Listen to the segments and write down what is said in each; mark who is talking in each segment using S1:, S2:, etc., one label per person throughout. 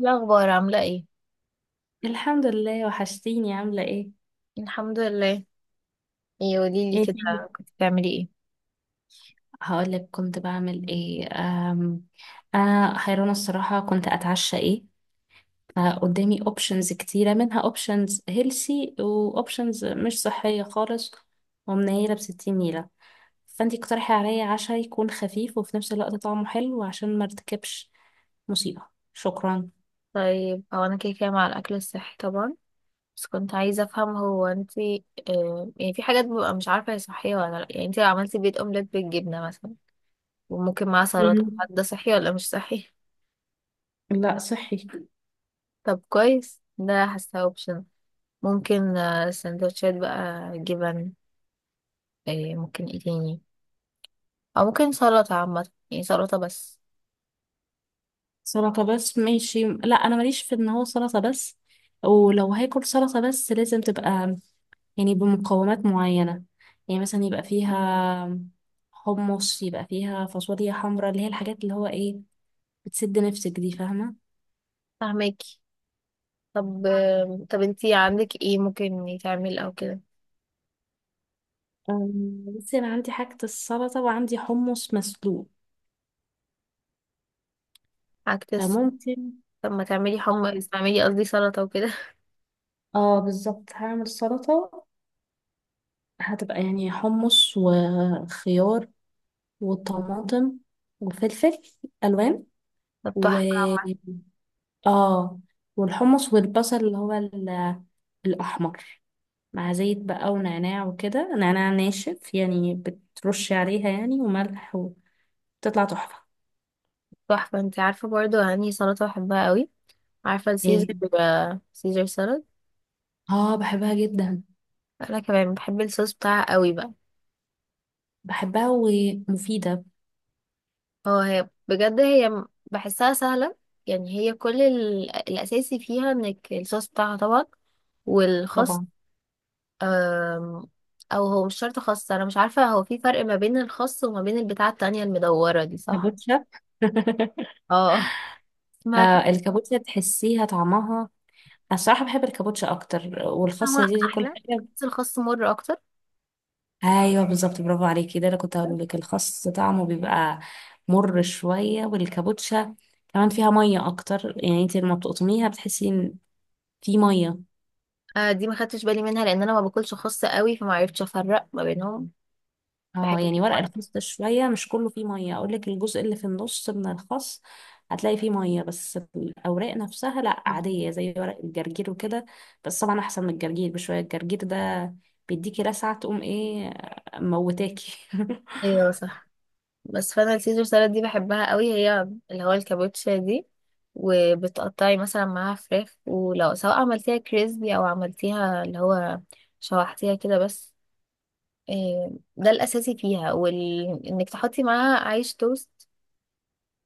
S1: إيه الأخبار عاملة ايه؟
S2: الحمد لله، وحشتيني. عاملة ايه؟
S1: الحمد لله. ايه قوليلي
S2: ايه فين؟
S1: كده، كنت بتعملي ايه؟
S2: هقولك كنت بعمل ايه. انا حيرانة الصراحة. كنت اتعشى ايه؟ فقدامي اوبشنز كتيرة، منها اوبشنز هيلسي واوبشنز مش صحية خالص ومنيلة بستين نيلة. فانتي اقترحي عليا عشاء يكون خفيف وفي نفس الوقت طعمه حلو عشان ما ارتكبش مصيبة. شكرا.
S1: طيب هو أنا كده كده مع الأكل الصحي طبعا، بس كنت عايزة أفهم. هو انتي يعني في حاجات ببقى مش عارفة هي صحية ولا لأ. يعني انتي لو عملتي بيض أومليت بالجبنة مثلا وممكن معاه سلطة،
S2: مم.
S1: هل ده صحي ولا مش صحي؟
S2: لا صحي.
S1: طب كويس، ده حاسة اوبشن. ممكن سندوتشات بقى جبن. آه ممكن ايه تاني؟ أو ممكن سلطة عامة، يعني سلطة بس.
S2: سلطة بس؟ ماشي. لا انا ماليش في ان هو سلطة بس، ولو هاكل سلطة بس لازم تبقى يعني بمقومات معينة. يعني مثلا يبقى فيها حمص، يبقى فيها فاصوليا حمراء، اللي هي الحاجات اللي هو ايه، بتسد نفسك دي، فاهمة؟
S1: فاهمك. طب طب انتي عندك ايه ممكن يتعمل او كده؟
S2: بس انا عندي حاجة السلطة وعندي حمص مسلوق،
S1: عكس.
S2: فممكن.
S1: طب ما تعملي حمص، تعملي قصدي سلطة وكده.
S2: اه بالظبط، هعمل سلطة. هتبقى يعني حمص وخيار وطماطم وفلفل ألوان
S1: طب
S2: و
S1: تحفة عامة.
S2: اه والحمص والبصل اللي هو الأحمر، مع زيت بقى ونعناع وكده، نعناع ناشف يعني بترش عليها يعني، وملح، وتطلع تحفة.
S1: تحفة. انتي عارفة برضو انهي سلطة بحبها قوي؟ عارفة السيزر؟
S2: ايه؟
S1: سيزر سلطة.
S2: اه بحبها جدا.
S1: انا كمان بحب الصوص بتاعها قوي بقى.
S2: بحبها ومفيدة.
S1: هو بجد بحسها سهلة. يعني هي كل الاساسي فيها انك الصوص بتاعها طبعا، والخس.
S2: طبعا.
S1: آم، او هو مش شرط خس. انا مش عارفة هو في فرق ما بين الخس وما بين البتاعة التانية المدورة دي؟ صح.
S2: كابوتشا.
S1: اه. سمعت.
S2: آه الكابوتشا تحسيها طعمها. أنا الصراحة بحب الكابوتشا أكتر،
S1: هو
S2: والخاصة دي كل
S1: احلى،
S2: حاجة.
S1: بس الخاص مر اكتر.
S2: ايوه بالظبط، برافو عليكي. ده انا كنت هقول لك الخس طعمه بيبقى مر شويه، والكابوتشا كمان فيها ميه اكتر. يعني انت لما بتقطميها بتحسي ان في ميه.
S1: آه دي ما خدتش بالي منها لان انا ما باكلش خاص قوي، فما عرفتش افرق ما بينهم. في
S2: اه
S1: حته
S2: يعني ورق
S1: الفرق.
S2: الخس ده شويه مش كله فيه ميه. اقول لك، الجزء اللي في النص من الخس هتلاقي فيه ميه، بس الاوراق نفسها لا عاديه زي ورق الجرجير وكده. بس طبعا احسن من الجرجير بشويه. الجرجير ده بيديكي لسعه، تقوم ايه، موتاكي.
S1: ايوه صح. بس فانا السيزر سالاد دي بحبها قوي، هي اللي هو الكابوتشا دي. وبتقطعي مثلا معاها فراخ، ولو سواء عملتيها كريسبي او عملتيها اللي هو شوحتيها كده بس. آه، ده الاساسي فيها انك تحطي معاها عيش توست،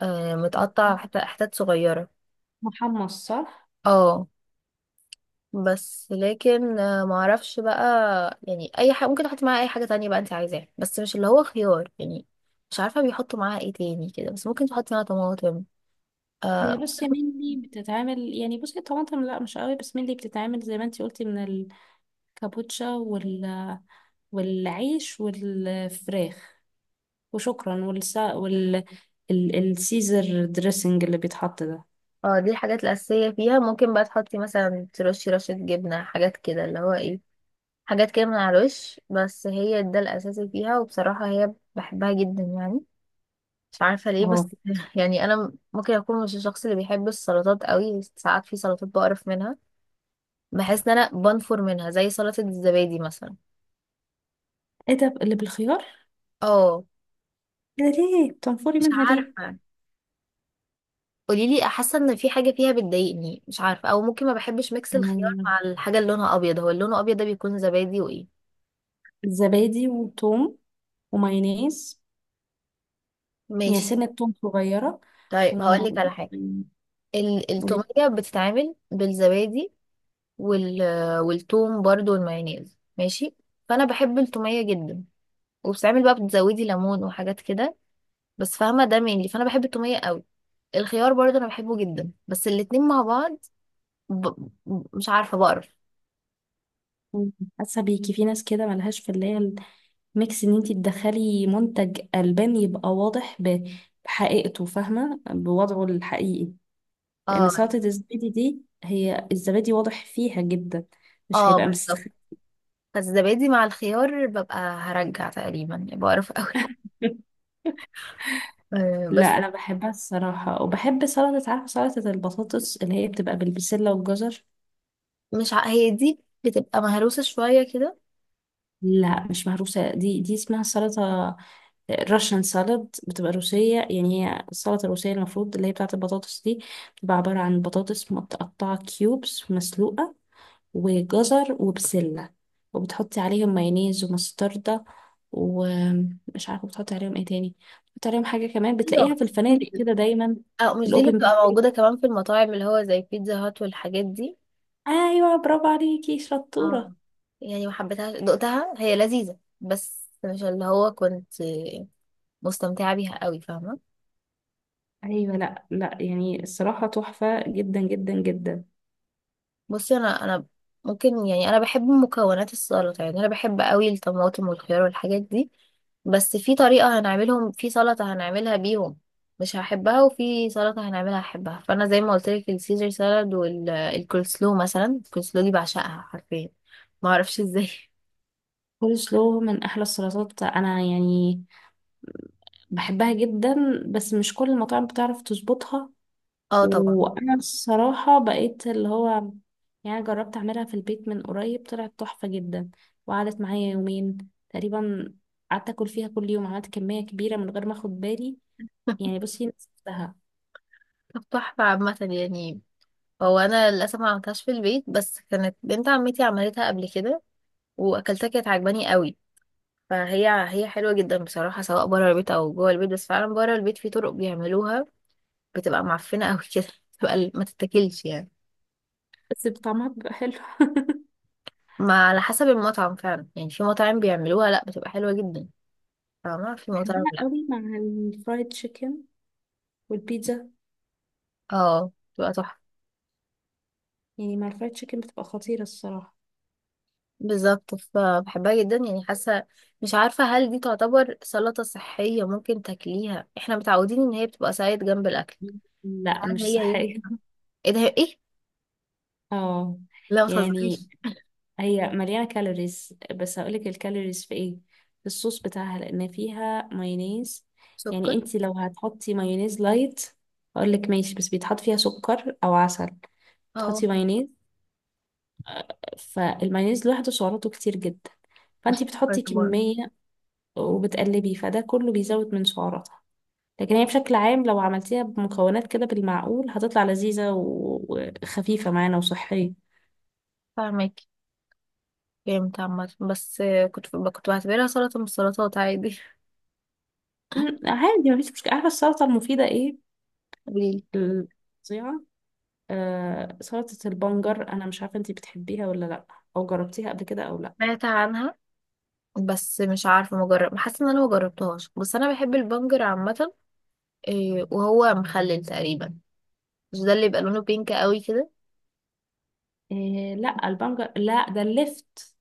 S1: متقطع حتت حتت صغيره.
S2: محمص، صح.
S1: اه. بس لكن معرفش بقى. يعني اي حاجه ممكن احط معاها، اي حاجه تانية بقى انت عايزاها، بس مش اللي هو خيار يعني. مش عارفه بيحطوا معاها ايه تاني كده، بس ممكن تحطي معاها طماطم.
S2: هي
S1: اه.
S2: بس مني بتتعمل، يعني بصي طماطم لا مش قوي، بس مني بتتعمل زي ما انتي قلتي من الكابوتشا والعيش والفراخ وشكرا والسا السيزر دريسنج اللي بيتحط ده.
S1: دي الحاجات الاساسيه فيها. ممكن بقى تحطي مثلا، ترشي رشه جبنه، حاجات كده اللي هو ايه، حاجات كده من على الوش. بس هي ده الاساسي فيها، وبصراحه هي بحبها جدا يعني، مش عارفه ليه بس.
S2: اه.
S1: يعني انا ممكن اكون مش الشخص اللي بيحب السلطات قوي. ساعات في سلطات بقرف منها، بحس ان انا بنفر منها، زي سلطة الزبادي مثلا.
S2: ايه ده اللي بالخيار؟
S1: اه.
S2: ده ليه بتنفري
S1: مش
S2: منها ليه؟
S1: عارفة، قوليلي. حاسة ان في حاجة فيها بتضايقني مش عارفة، او ممكن ما بحبش ميكس الخيار
S2: آه،
S1: مع الحاجة اللي لونها ابيض. هو اللي لونه ابيض ده بيكون زبادي وايه؟
S2: زبادي وثوم ومايونيز. يعني
S1: ماشي.
S2: سنة توم صغيرة.
S1: طيب هقولك
S2: وم-
S1: على حاجة. التومية بتتعمل بالزبادي، وال والثوم برضو والمايونيز، ماشي. فانا بحب التومية جدا، وبتتعمل بقى بتزودي ليمون وحاجات كده. بس فاهمة ده مين؟ فانا بحب التومية قوي. الخيار برضو انا بحبه جدا، بس الاتنين مع بعض ب... مش عارفة بقرف.
S2: وم- حاسة بيكي في ناس كده ملهاش في اللي هي ميكس، ان انتي تدخلي منتج البان يبقى واضح بحقيقته، فاهمه، بوضعه الحقيقي. لان
S1: اه.
S2: سلطه الزبادي دي هي الزبادي واضح فيها جدا، مش
S1: اه
S2: هيبقى
S1: بالظبط.
S2: مستخدم.
S1: فالزبادي مع الخيار ببقى هرجع تقريبا، يعني بقرف قوي. آه
S2: لا
S1: بس
S2: انا بحبها الصراحه، وبحب سلطه، عارفه سلطه البطاطس اللي هي بتبقى بالبسله والجزر.
S1: مش ع... هي دي بتبقى مهروسة شوية كده؟
S2: لا مش مهروسه. دي دي اسمها سلطه راشن سالاد، بتبقى روسيه. يعني هي السلطه الروسيه المفروض، اللي هي بتاعه البطاطس دي، بتبقى عباره عن بطاطس متقطعه كيوبس مسلوقه وجزر وبسلة، وبتحطي عليهم مايونيز ومستردة، ومش عارفة بتحطي عليهم ايه تاني، بتحطي عليهم حاجة كمان
S1: ايوه
S2: بتلاقيها في
S1: مش دي
S2: الفنادق
S1: اللي-
S2: كده دايما
S1: اه
S2: في
S1: مش دي اللي
S2: الأوبن
S1: بتبقى موجودة
S2: بوفيه.
S1: كمان في المطاعم، اللي هو زي بيتزا هات والحاجات دي؟
S2: ايوه برافو عليكي،
S1: اه.
S2: شطورة.
S1: يعني ما حبيتهاش، دقتها هي لذيذة بس مش اللي هو كنت مستمتعة بيها قوي، فاهمة.
S2: ايوه، لا لا، يعني الصراحة تحفة جدا جدا جدا.
S1: بصي انا ممكن يعني انا بحب مكونات السلطه. يعني انا بحب قوي الطماطم والخيار والحاجات دي، بس في طريقه هنعملهم في سلطه هنعملها بيهم مش هحبها، وفي سلطه هنعملها هحبها. فانا زي ما قلت لك السيزر سالاد والكولسلو مثلا. الكولسلو دي بعشقها حرفيا، ما اعرفش ازاي.
S2: كول سلو من احلى السلطات، انا يعني بحبها جدا، بس مش كل المطاعم بتعرف تظبطها.
S1: اه طبعا.
S2: وانا الصراحة بقيت اللي هو، يعني أنا جربت اعملها في البيت من قريب طلعت تحفة جدا، وقعدت معايا 2 يومين تقريبا، قعدت اكل فيها كل يوم، عملت كمية كبيرة من غير ما اخد بالي، يعني بصي نسيتها.
S1: طب تحفه عامه يعني. هو انا للاسف ما عملتهاش في البيت، بس كانت بنت عمتي عملتها قبل كده واكلتها، كانت عجباني قوي. فهي حلوة جدا بصراحة سواء بره البيت أو جوه البيت. بس فعلا بره البيت في طرق بيعملوها بتبقى معفنة أوي كده، بتبقى ما تتاكلش يعني.
S2: بس طعمها بيبقى حلو.
S1: ما على حسب المطعم فعلا. يعني في مطاعم بيعملوها لأ بتبقى حلوة جدا، فما في مطاعم
S2: بحبها
S1: لأ.
S2: قوي مع الفرايد تشيكن والبيتزا.
S1: اه بتبقى تحفة.
S2: يعني مع الفرايد تشيكن بتبقى خطيرة الصراحة.
S1: بالظبط، فبحبها جدا يعني. حاسة، مش عارفة هل دي تعتبر سلطة صحية ممكن تاكليها؟ احنا متعودين ان هي بتبقى سايد جنب الأكل.
S2: لا
S1: هل
S2: مش
S1: هي ايه؟
S2: صحية.
S1: ايه ده ايه؟
S2: اه
S1: لا
S2: يعني
S1: متهزريش.
S2: هي مليانة كالوريز، بس هقولك الكالوريز في ايه. في الصوص بتاعها، لان فيها مايونيز. يعني
S1: سكر.
S2: انتي لو هتحطي مايونيز لايت هقولك ماشي، بس بيتحط فيها سكر او عسل.
S1: اه.
S2: تحطي مايونيز، فالمايونيز لوحده سعراته كتير جدا، فانتي
S1: والسكر
S2: بتحطي
S1: طبعا.
S2: كمية وبتقلبي، فده كله بيزود من سعراتها. لكن هي بشكل عام لو عملتيها بمكونات كده بالمعقول هتطلع لذيذة وخفيفة معانا وصحية.
S1: فاهمك. فهمت عامة. بس كنت بعتبرها سلطة من السلطات عادي.
S2: عادي مفيش مشكلة. عارفة السلطة المفيدة ايه؟
S1: قوليلي.
S2: ال- فظيعة. آه سلطة البنجر. أنا مش عارفة أنتي بتحبيها ولا لأ، أو جربتيها قبل كده أو لأ.
S1: سمعت عنها، بس مش عارفة مجرب. حاسة ان انا مجربتهاش، بس انا بحب البنجر عامة. إيه، وهو مخلل تقريبا؟ مش ده اللي بيبقى لونه بينك قوي كده؟
S2: إيه؟ لأ البنجر لأ، ده اللفت.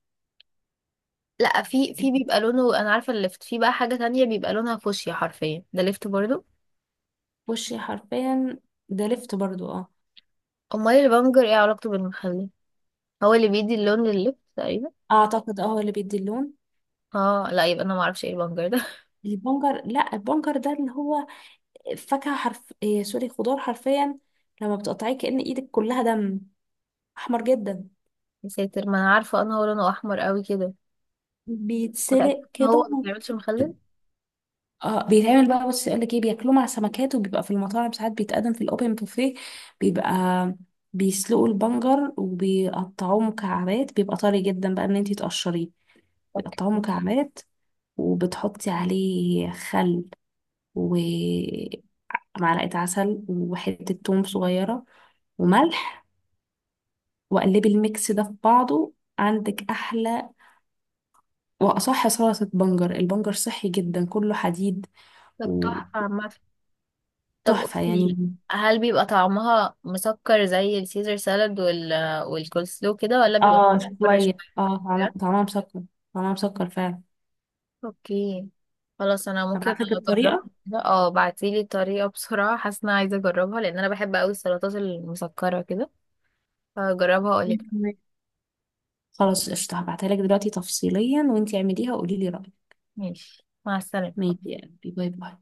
S1: لا، في بيبقى لونه، انا عارفة اللفت في بقى حاجة تانية بيبقى لونها فوشيا حرفيا، ده لفت برضو.
S2: وشي حرفيا. ده لفت برضو، اه.
S1: امال البنجر ايه علاقته بالمخلل؟ هو اللي بيدي اللون لللفت تقريبا.
S2: أعتقد اه، هو اللي بيدي اللون.
S1: اه لا يبقى انا معرفش ايه البنجر ده.
S2: البنجر، لأ البنجر ده اللي هو فاكهة حرف إيه، سوري خضار حرفيا، لما بتقطعيه كأن إيدك كلها دم، أحمر جدا.
S1: يا ساتر، ما انا عارفة ان هو لونه احمر قوي كده. متأكدة
S2: بيتسلق
S1: ان هو
S2: كده.
S1: ما بيعملش مخلل؟
S2: اه بيتعمل بقى. بص يقول لك ايه، بياكلوه مع سمكات، وبيبقى في المطاعم ساعات بيتقدم في الاوبن بوفيه. بيبقى بيسلقوا البنجر وبيقطعوه مكعبات، بيبقى طري جدا بقى، ان انتي تقشريه، بيقطعوه مكعبات وبتحطي عليه خل ومعلقة عسل وحتة توم صغيرة وملح، وقلبي الميكس ده في بعضه، عندك احلى واصح سلطة. بنجر، البنجر صحي جدا، كله حديد.
S1: طب تحفة عامة. طب
S2: وتحفة
S1: قولي،
S2: يعني.
S1: هل بيبقى طعمها مسكر زي السيزر سالاد والكولسلو كده، ولا بيبقى
S2: اه
S1: مسكر
S2: شوية،
S1: شوية
S2: اه طعمها
S1: كده؟
S2: طعمها مسكر. طعمها مسكر فعلا.
S1: اوكي خلاص، انا ممكن
S2: هبعتلك
S1: اجربها.
S2: الطريقة.
S1: كده اه بعتيلي الطريقة بسرعة، حاسة ان انا عايزة اجربها، لان انا بحب اوي السلطات المسكرة كده. هجربها
S2: مية
S1: اقولك.
S2: في المية. خلاص قشطة، هبعتها لك دلوقتي تفصيليا، وانتي اعمليها وقولي لي رأيك.
S1: ماشي، مع السلامة.
S2: ماشي يا قلبي، باي باي.